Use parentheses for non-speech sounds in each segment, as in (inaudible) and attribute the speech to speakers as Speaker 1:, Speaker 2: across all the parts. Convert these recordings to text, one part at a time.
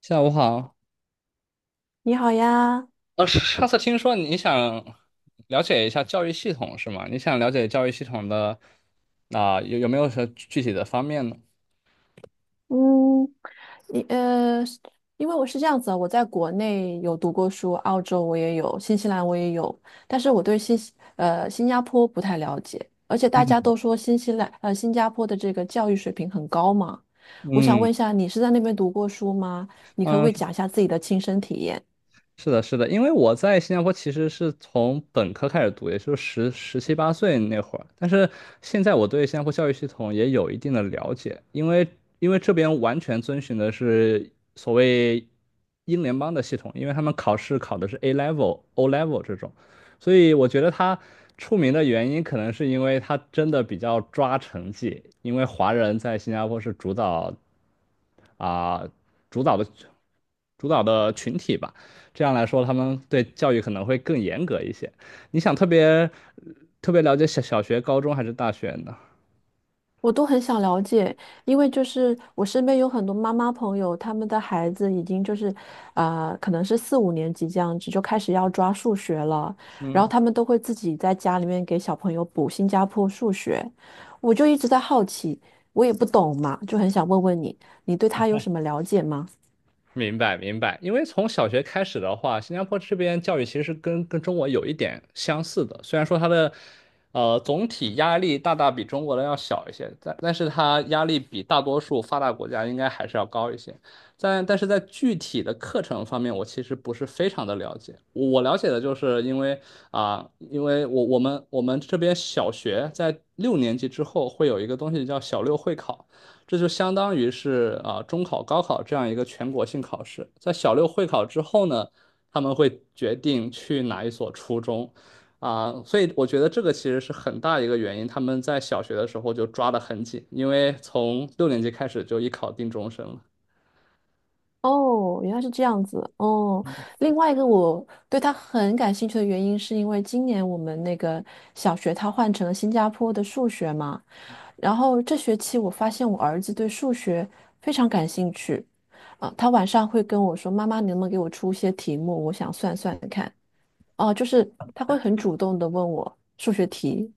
Speaker 1: 下午好。
Speaker 2: 你好呀。
Speaker 1: (laughs) 上次听说你想了解一下教育系统是吗？你想了解教育系统的有没有什么具体的方面呢？
Speaker 2: 嗯，你呃，是因为我是这样子啊，我在国内有读过书，澳洲我也有，新西兰我也有，但是我对新加坡不太了解，而且大家都说新西兰呃新加坡的这个教育水平很高嘛。我想
Speaker 1: 嗯
Speaker 2: 问一下，你是在那边读过书吗？你可不可以
Speaker 1: 嗯、
Speaker 2: 讲一下自己的亲身体验？
Speaker 1: 是的，是的，因为我在新加坡其实是从本科开始读，也就是七八岁那会儿。但是现在我对新加坡教育系统也有一定的了解，因为这边完全遵循的是所谓英联邦的系统，因为他们考试考的是 A level、O level 这种，所以我觉得它出名的原因可能是因为它真的比较抓成绩，因为华人在新加坡是主导啊、主导的主导的群体吧。这样来说，他们对教育可能会更严格一些。你想特别特别了解小学、高中还是大学呢？
Speaker 2: 我都很想了解，因为就是我身边有很多妈妈朋友，他们的孩子已经就是，可能是四五年级这样子就开始要抓数学了，然后
Speaker 1: 嗯，
Speaker 2: 他们都会自己在家里面给小朋友补新加坡数学。我就一直在好奇，我也不懂嘛，就很想问问你，你对他有什么了解吗？
Speaker 1: 明白明白，因为从小学开始的话，新加坡这边教育其实是跟中国有一点相似的，虽然说它的总体压力比中国的要小一些，但是它压力比大多数发达国家应该还是要高一些，但是在具体的课程方面，我其实不是非常的了解，我了解的就是因为因为我们这边小学在六年级之后会有一个东西叫小六会考。这就相当于是啊中考、高考这样一个全国性考试。在小六会考之后呢，他们会决定去哪一所初中，啊，所以我觉得这个其实是很大一个原因。他们在小学的时候就抓得很紧，因为从六年级开始就一考定终身了。
Speaker 2: 哦，原来是这样子哦。另外一个我对他很感兴趣的原因，是因为今年我们那个小学它换成了新加坡的数学嘛。然后这学期我发现我儿子对数学非常感兴趣，他晚上会跟我说："妈妈，你能不能给我出一些题目？我想算算看。"哦，就是他会很主动的问我数学题。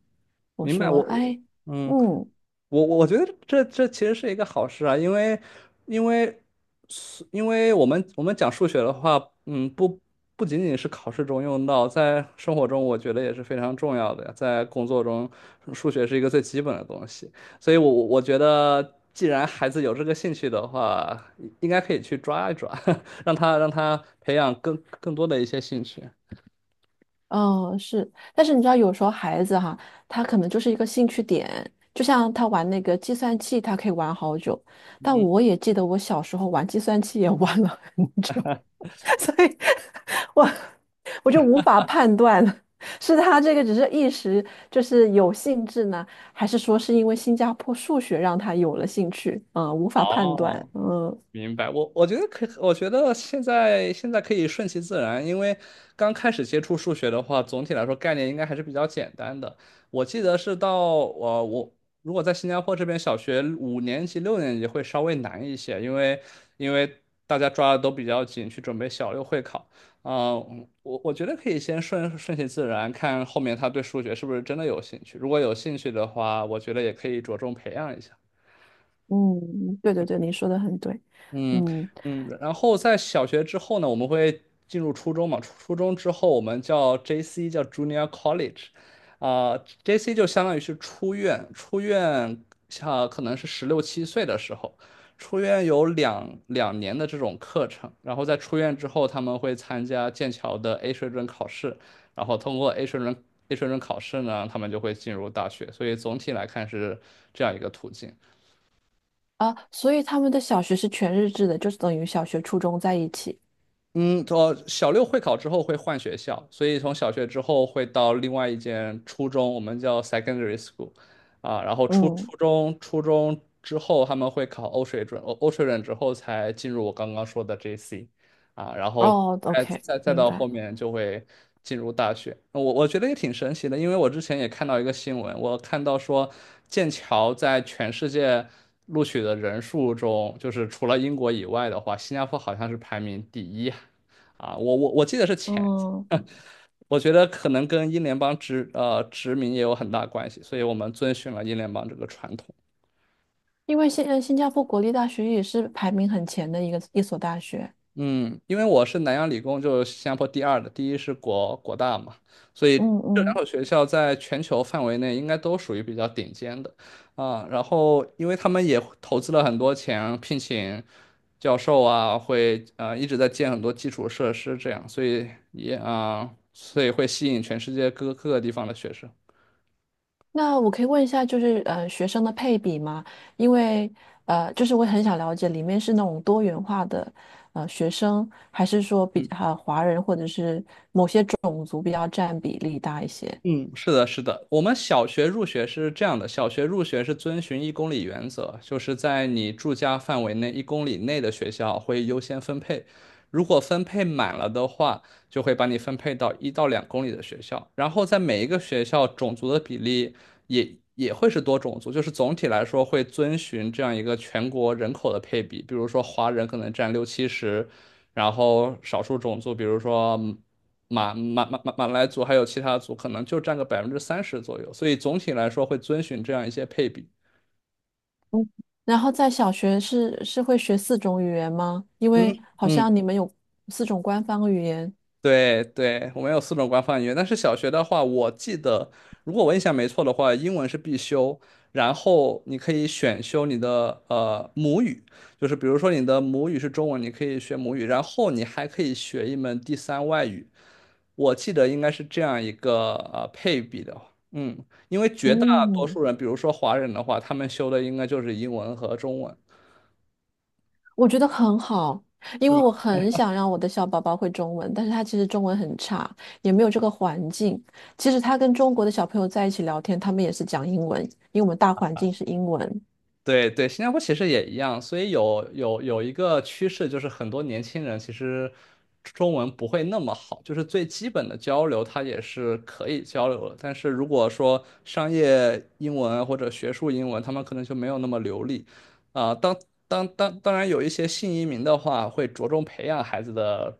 Speaker 2: 我
Speaker 1: 明白
Speaker 2: 说：
Speaker 1: 我，
Speaker 2: “哎，
Speaker 1: 嗯。
Speaker 2: 嗯，
Speaker 1: 我觉得这其实是一个好事啊，因为因为我们讲数学的话，嗯，不仅仅是考试中用到，在生活中我觉得也是非常重要的呀，在工作中，数学是一个最基本的东西，所以我觉得，既然孩子有这个兴趣的话，应该可以去抓一抓，(laughs) 让他培养更多的一些兴趣。
Speaker 2: 哦，是。"但是你知道，有时候孩子哈，他可能就是一个兴趣点，就像他玩那个计算器，他可以玩好久。但
Speaker 1: 嗯，
Speaker 2: 我也记得我小时候玩计算器也玩了很久。(laughs) 所以我我就无法判断了，(laughs) 是他这个只是一时就是有兴致呢，还是说是因为新加坡数学让他有了兴趣？无法判断。
Speaker 1: 哦。
Speaker 2: 嗯
Speaker 1: 明白，我觉得现在可以顺其自然，因为刚开始接触数学的话，总体来说概念应该还是比较简单的。我记得是到呃，我如果在新加坡这边，小学五年级、六年级会稍微难一些，因为大家抓的都比较紧，去准备小六会考。啊、我觉得可以先顺其自然，看后面他对数学是不是真的有兴趣。如果有兴趣的话，我觉得也可以着重培养一下。
Speaker 2: 嗯，对对对，您说的很对。
Speaker 1: 嗯，
Speaker 2: 嗯
Speaker 1: 嗯，然后在小学之后呢，我们会进入初中嘛。初中之后，我们叫 JC，叫 Junior College,啊、j c 就相当于是出院,像可能是十六七岁的时候，出院有两年的这种课程，然后在出院之后，他们会参加剑桥的 A 水准考试，然后通过 A 水准 A 水准考试呢，他们就会进入大学，所以总体来看是这样一个途径。
Speaker 2: 啊，所以他们的小学是全日制的，就是等于小学、初中在一起。
Speaker 1: 嗯，我小六会考之后会换学校，所以从小学之后会到另外一间初中，我们叫 secondary school,啊，然后初
Speaker 2: 嗯，
Speaker 1: 初中初中之后他们会考欧水准，欧水准之后才进入我刚刚说的 JC。啊，然后
Speaker 2: 哦
Speaker 1: 再
Speaker 2: ，OK,
Speaker 1: 再再
Speaker 2: 明
Speaker 1: 到
Speaker 2: 白。
Speaker 1: 后面就会进入大学。我觉得也挺神奇的，因为我之前也看到一个新闻，我看到说剑桥在全世界录取的人数中，就是除了英国以外的话，新加坡好像是排名第一啊，我记得是前。
Speaker 2: 嗯，
Speaker 1: (laughs) 我觉得可能跟英联邦殖民也有很大关系，所以我们遵循了英联邦这个传统。
Speaker 2: 因为新加坡国立大学也是排名很前的一所大学。
Speaker 1: 嗯，因为我是南洋理工，就是新加坡第二的，第一是国大嘛，所以
Speaker 2: 嗯
Speaker 1: 这两
Speaker 2: 嗯，
Speaker 1: 所学校在全球范围内应该都属于比较顶尖的啊。然后，因为他们也投资了很多钱，聘请教授啊，会一直在建很多基础设施，这样，所以所以会吸引全世界各个地方的学生。
Speaker 2: 那我可以问一下，学生的配比吗？因为就是我很想了解里面是那种多元化的学生，还是说
Speaker 1: 嗯。
Speaker 2: 华人或者是某些种族比较占比例大一些？
Speaker 1: 嗯，是的，是的，我们小学入学是这样的，小学入学是遵循一公里原则，就是在你住家范围内一公里内的学校会优先分配，如果分配满了的话，就会把你分配到一到两公里的学校，然后在每一个学校种族的比例也会是多种族，就是总体来说会遵循这样一个全国人口的配比，比如说华人可能占六七十，然后少数种族，比如说马来族还有其他族可能就占个百分之三十左右，所以总体来说会遵循这样一些配比。
Speaker 2: 嗯，然后在小学是会学四种语言吗？因为
Speaker 1: 嗯
Speaker 2: 好
Speaker 1: 嗯。
Speaker 2: 像你们有四种官方语言。
Speaker 1: 对对，我们有四种官方语言，但是小学的话，我记得如果我印象没错的话，英文是必修，然后你可以选修你的母语，就是比如说你的母语是中文，你可以学母语，然后你还可以学一门第三外语，我记得应该是这样一个配比的，嗯，因为绝大多
Speaker 2: 嗯，
Speaker 1: 数人，比如说华人的话，他们修的应该就是英文和中文。
Speaker 2: 我觉得很好，因为我很想让我的小宝宝会中文，但是他其实中文很差，也没有这个环境。其实他跟中国的小朋友在一起聊天，他们也是讲英文，因为我们大环境是英文。
Speaker 1: 对对，新加坡其实也一样，所以有一个趋势，就是很多年轻人其实中文不会那么好，就是最基本的交流他也是可以交流的，但是如果说商业英文或者学术英文，他们可能就没有那么流利。啊、当当然有一些新移民的话，会着重培养孩子的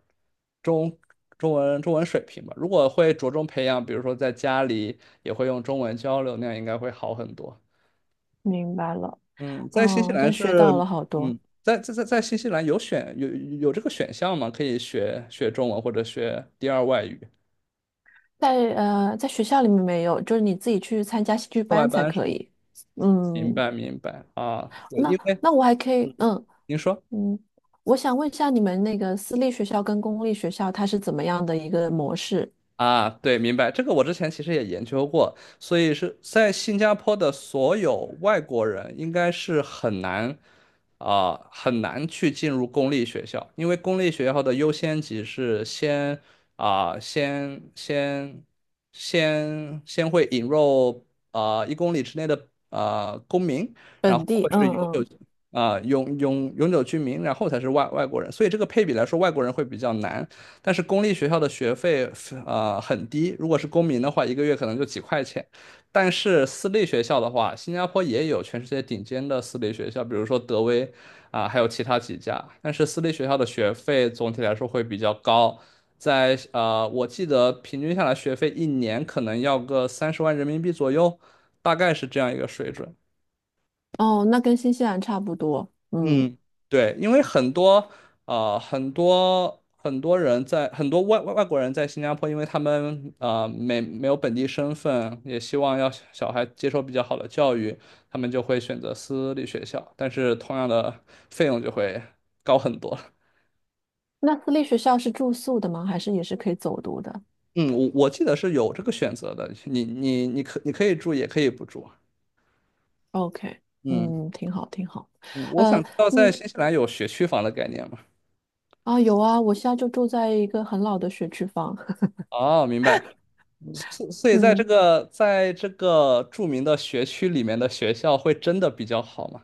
Speaker 1: 中中文水平吧。如果会着重培养，比如说在家里也会用中文交流，那样应该会好很多。
Speaker 2: 明白了，
Speaker 1: 嗯，在新西
Speaker 2: 哦，
Speaker 1: 兰
Speaker 2: 真学到
Speaker 1: 是，
Speaker 2: 了好多。
Speaker 1: 嗯，在新西兰有有这个选项吗？可以学中文或者学第二外语
Speaker 2: 在学校里面没有，就是你自己去参加戏剧
Speaker 1: 课外
Speaker 2: 班才
Speaker 1: 班是
Speaker 2: 可
Speaker 1: 吗？
Speaker 2: 以。
Speaker 1: 明
Speaker 2: 嗯，
Speaker 1: 白明白啊，对，因
Speaker 2: 那
Speaker 1: 为
Speaker 2: 那我还可
Speaker 1: 嗯，
Speaker 2: 以，嗯
Speaker 1: 您说。
Speaker 2: 嗯，我想问一下你们那个私立学校跟公立学校它是怎么样的一个模式？
Speaker 1: 啊，对，明白。这个我之前其实也研究过，所以是在新加坡的所有外国人应该是很难很难去进入公立学校，因为公立学校的优先级是先啊、先先先先会引入一公里之内的公民，然后
Speaker 2: 本地，
Speaker 1: 会
Speaker 2: 嗯
Speaker 1: 是永久
Speaker 2: 嗯。
Speaker 1: 永久居民，然后才是外国人，所以这个配比来说，外国人会比较难。但是公立学校的学费很低，如果是公民的话，一个月可能就几块钱。但是私立学校的话，新加坡也有全世界顶尖的私立学校，比如说德威还有其他几家。但是私立学校的学费总体来说会比较高，在我记得平均下来学费一年可能要个三十万人民币左右，大概是这样一个水准。
Speaker 2: 哦，那跟新西兰差不多。嗯，
Speaker 1: 嗯，对，因为很多很多人在很多外外外国人在新加坡，因为他们没有本地身份，也希望要小孩接受比较好的教育，他们就会选择私立学校，但是同样的费用就会高很多。
Speaker 2: 那私立学校是住宿的吗？还是也是可以走读的
Speaker 1: 嗯，我记得是有这个选择的，你可以住，也可以不住啊。
Speaker 2: ？OK。
Speaker 1: 嗯，
Speaker 2: 嗯，挺好，挺好。
Speaker 1: 嗯，我
Speaker 2: 呃，
Speaker 1: 想知道在
Speaker 2: 嗯，
Speaker 1: 新西兰有学区房的概念吗？
Speaker 2: 啊，有啊，我现在就住在一个很老的学区房。(laughs)
Speaker 1: 哦，明白。所以在这
Speaker 2: 嗯，
Speaker 1: 个著名的学区里面的学校会真的比较好吗？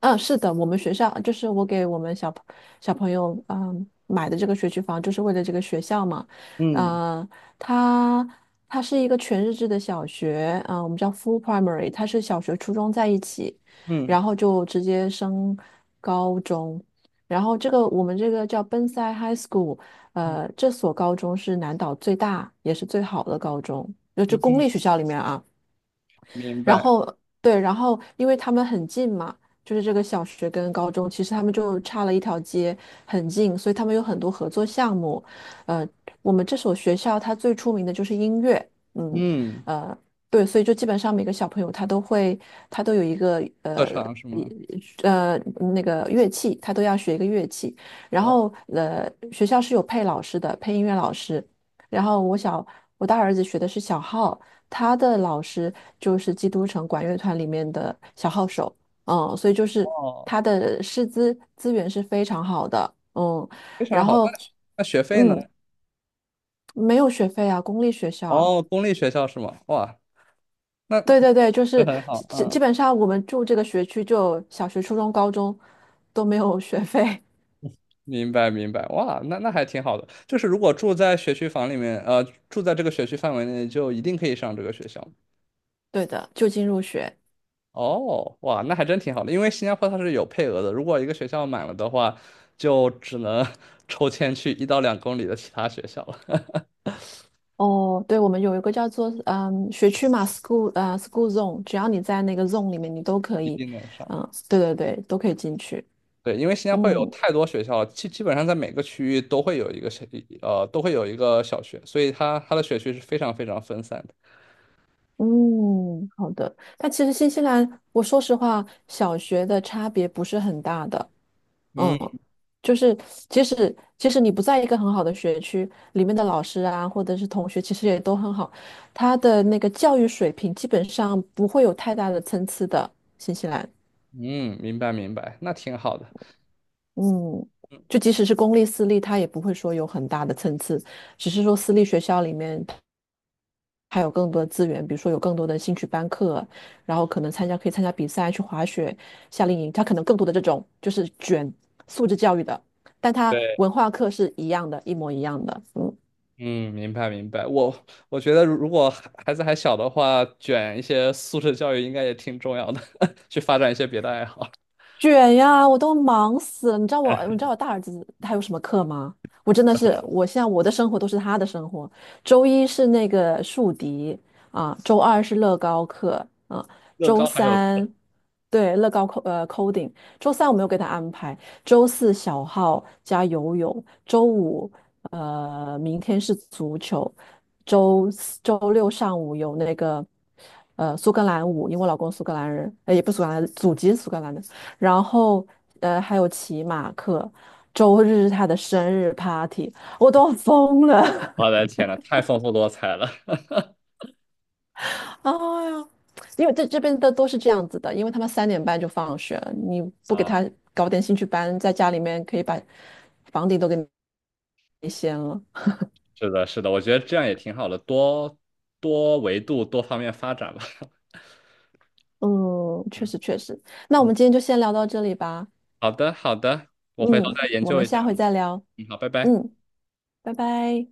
Speaker 2: 嗯，是的，我们学校就是我给我们小朋友买的这个学区房，就是为了这个学校嘛。
Speaker 1: 嗯
Speaker 2: 呃，它它是一个全日制的小学，我们叫 full primary,它是小学、初中在一起，
Speaker 1: 嗯
Speaker 2: 然后就直接升高中。然后这个我们这个叫 Bonsai High School。
Speaker 1: 嗯
Speaker 2: 呃，这所高中是南岛最大也是最好的高中，就
Speaker 1: 嗯
Speaker 2: 公
Speaker 1: 嗯，
Speaker 2: 立学校里面啊。
Speaker 1: 明
Speaker 2: 然
Speaker 1: 白。
Speaker 2: 后对，然后因为他们很近嘛，就是这个小学跟高中，其实他们就差了一条街，很近，所以他们有很多合作项目。呃，我们这所学校它最出名的就是音乐。嗯，
Speaker 1: 嗯，
Speaker 2: 呃，对，所以就基本上每个小朋友他都会，他都有一个
Speaker 1: 特
Speaker 2: 呃。
Speaker 1: 长是吗？
Speaker 2: 一呃，那个乐器，他都要学一个乐器，然
Speaker 1: 哦，
Speaker 2: 后呃，学校是有配老师的，配音乐老师。然后我大儿子学的是小号，他的老师就是基督城管乐团里面的小号手。嗯，所以就是
Speaker 1: 哦，
Speaker 2: 他的师资资源是非常好的。嗯，
Speaker 1: 非常
Speaker 2: 然
Speaker 1: 好。
Speaker 2: 后，
Speaker 1: 那学费呢？
Speaker 2: 嗯，没有学费啊，公立学校。
Speaker 1: 哦，公立学校是吗？哇，那
Speaker 2: 对对对，就
Speaker 1: 这
Speaker 2: 是
Speaker 1: 很好。
Speaker 2: 基
Speaker 1: 嗯，
Speaker 2: 基本上我们住这个学区就小学、初中、高中都没有学费。
Speaker 1: 明白明白。哇，那那还挺好的。就是如果住在学区房里面，呃，住在这个学区范围内，就一定可以上这个学校。
Speaker 2: (laughs) 对的，就近入学。
Speaker 1: 哦，哇，那还真挺好的，因为新加坡它是有配额的，如果一个学校满了的话，就只能 (laughs) 抽签去一到两公里的其他学校了，(laughs)
Speaker 2: 哦，对，我们有一个叫做嗯学区嘛，school 啊 school zone,只要你在那个 zone 里面，你都可
Speaker 1: 一
Speaker 2: 以。
Speaker 1: 定能上。
Speaker 2: 嗯，对对对，都可以进去。
Speaker 1: 对，因为新加坡有
Speaker 2: 嗯
Speaker 1: 太多学校了，基本上在每个区域都会有一个小，呃，都会有一个小学，所以它的学区是非常非常分散的。
Speaker 2: 嗯，好的。但其实新西兰，我说实话，小学的差别不是很大的。
Speaker 1: 嗯，
Speaker 2: 嗯，就是即使你不在一个很好的学区，里面的老师啊，或者是同学，其实也都很好，他的那个教育水平基本上不会有太大的参差的。新西兰，
Speaker 1: 嗯，明白明白，那挺好的。
Speaker 2: 嗯，就即使是公立私立，他也不会说有很大的参差，只是说私立学校里面。还有更多的资源，比如说有更多的兴趣班课，然后可以参加比赛，去滑雪、夏令营，他可能更多的这种就是卷素质教育的，但他
Speaker 1: 对，
Speaker 2: 文化课是一样的，一模一样的。嗯。
Speaker 1: 嗯，明白明白。我觉得如果孩子还小的话，卷一些素质教育应该也挺重要的，(laughs) 去发展一些别的爱好。
Speaker 2: 卷呀，我都忙死了。你知道我，你知道我大儿子他有什么课吗？我真的是，我现在我的生活都是他的生活。周一是那个竖笛啊，周二是乐高课啊，
Speaker 1: 乐
Speaker 2: 周
Speaker 1: 高还有，
Speaker 2: 三对，乐高coding,周三我没有给他安排，周四小号加游泳，明天是足球，周六上午有那个呃苏格兰舞，因为我老公苏格兰人，呃也不是苏格兰，祖籍是苏格兰的。然后呃还有骑马课，周日是他的生日 party,我都要疯了。
Speaker 1: 我
Speaker 2: (laughs)
Speaker 1: 的天呐，太丰富多彩了 (laughs)
Speaker 2: 哎呀，因为这边的都是这样子的，因为他们3:30就放学了，你不给
Speaker 1: 啊！
Speaker 2: 他搞点兴趣班，在家里面可以把房顶都给你掀了。
Speaker 1: 是的，是的，我觉得这样也挺好的，多多维度、多方面发展吧。(laughs)
Speaker 2: 嗯，确
Speaker 1: 嗯，
Speaker 2: 实确实，那我
Speaker 1: 嗯，
Speaker 2: 们今天就先聊到这里吧。
Speaker 1: 好的，好的，我回头
Speaker 2: 嗯，
Speaker 1: 再研
Speaker 2: 我
Speaker 1: 究
Speaker 2: 们
Speaker 1: 一
Speaker 2: 下
Speaker 1: 下。
Speaker 2: 回
Speaker 1: 嗯，
Speaker 2: 再聊。
Speaker 1: 嗯好，拜拜。
Speaker 2: 嗯，拜拜。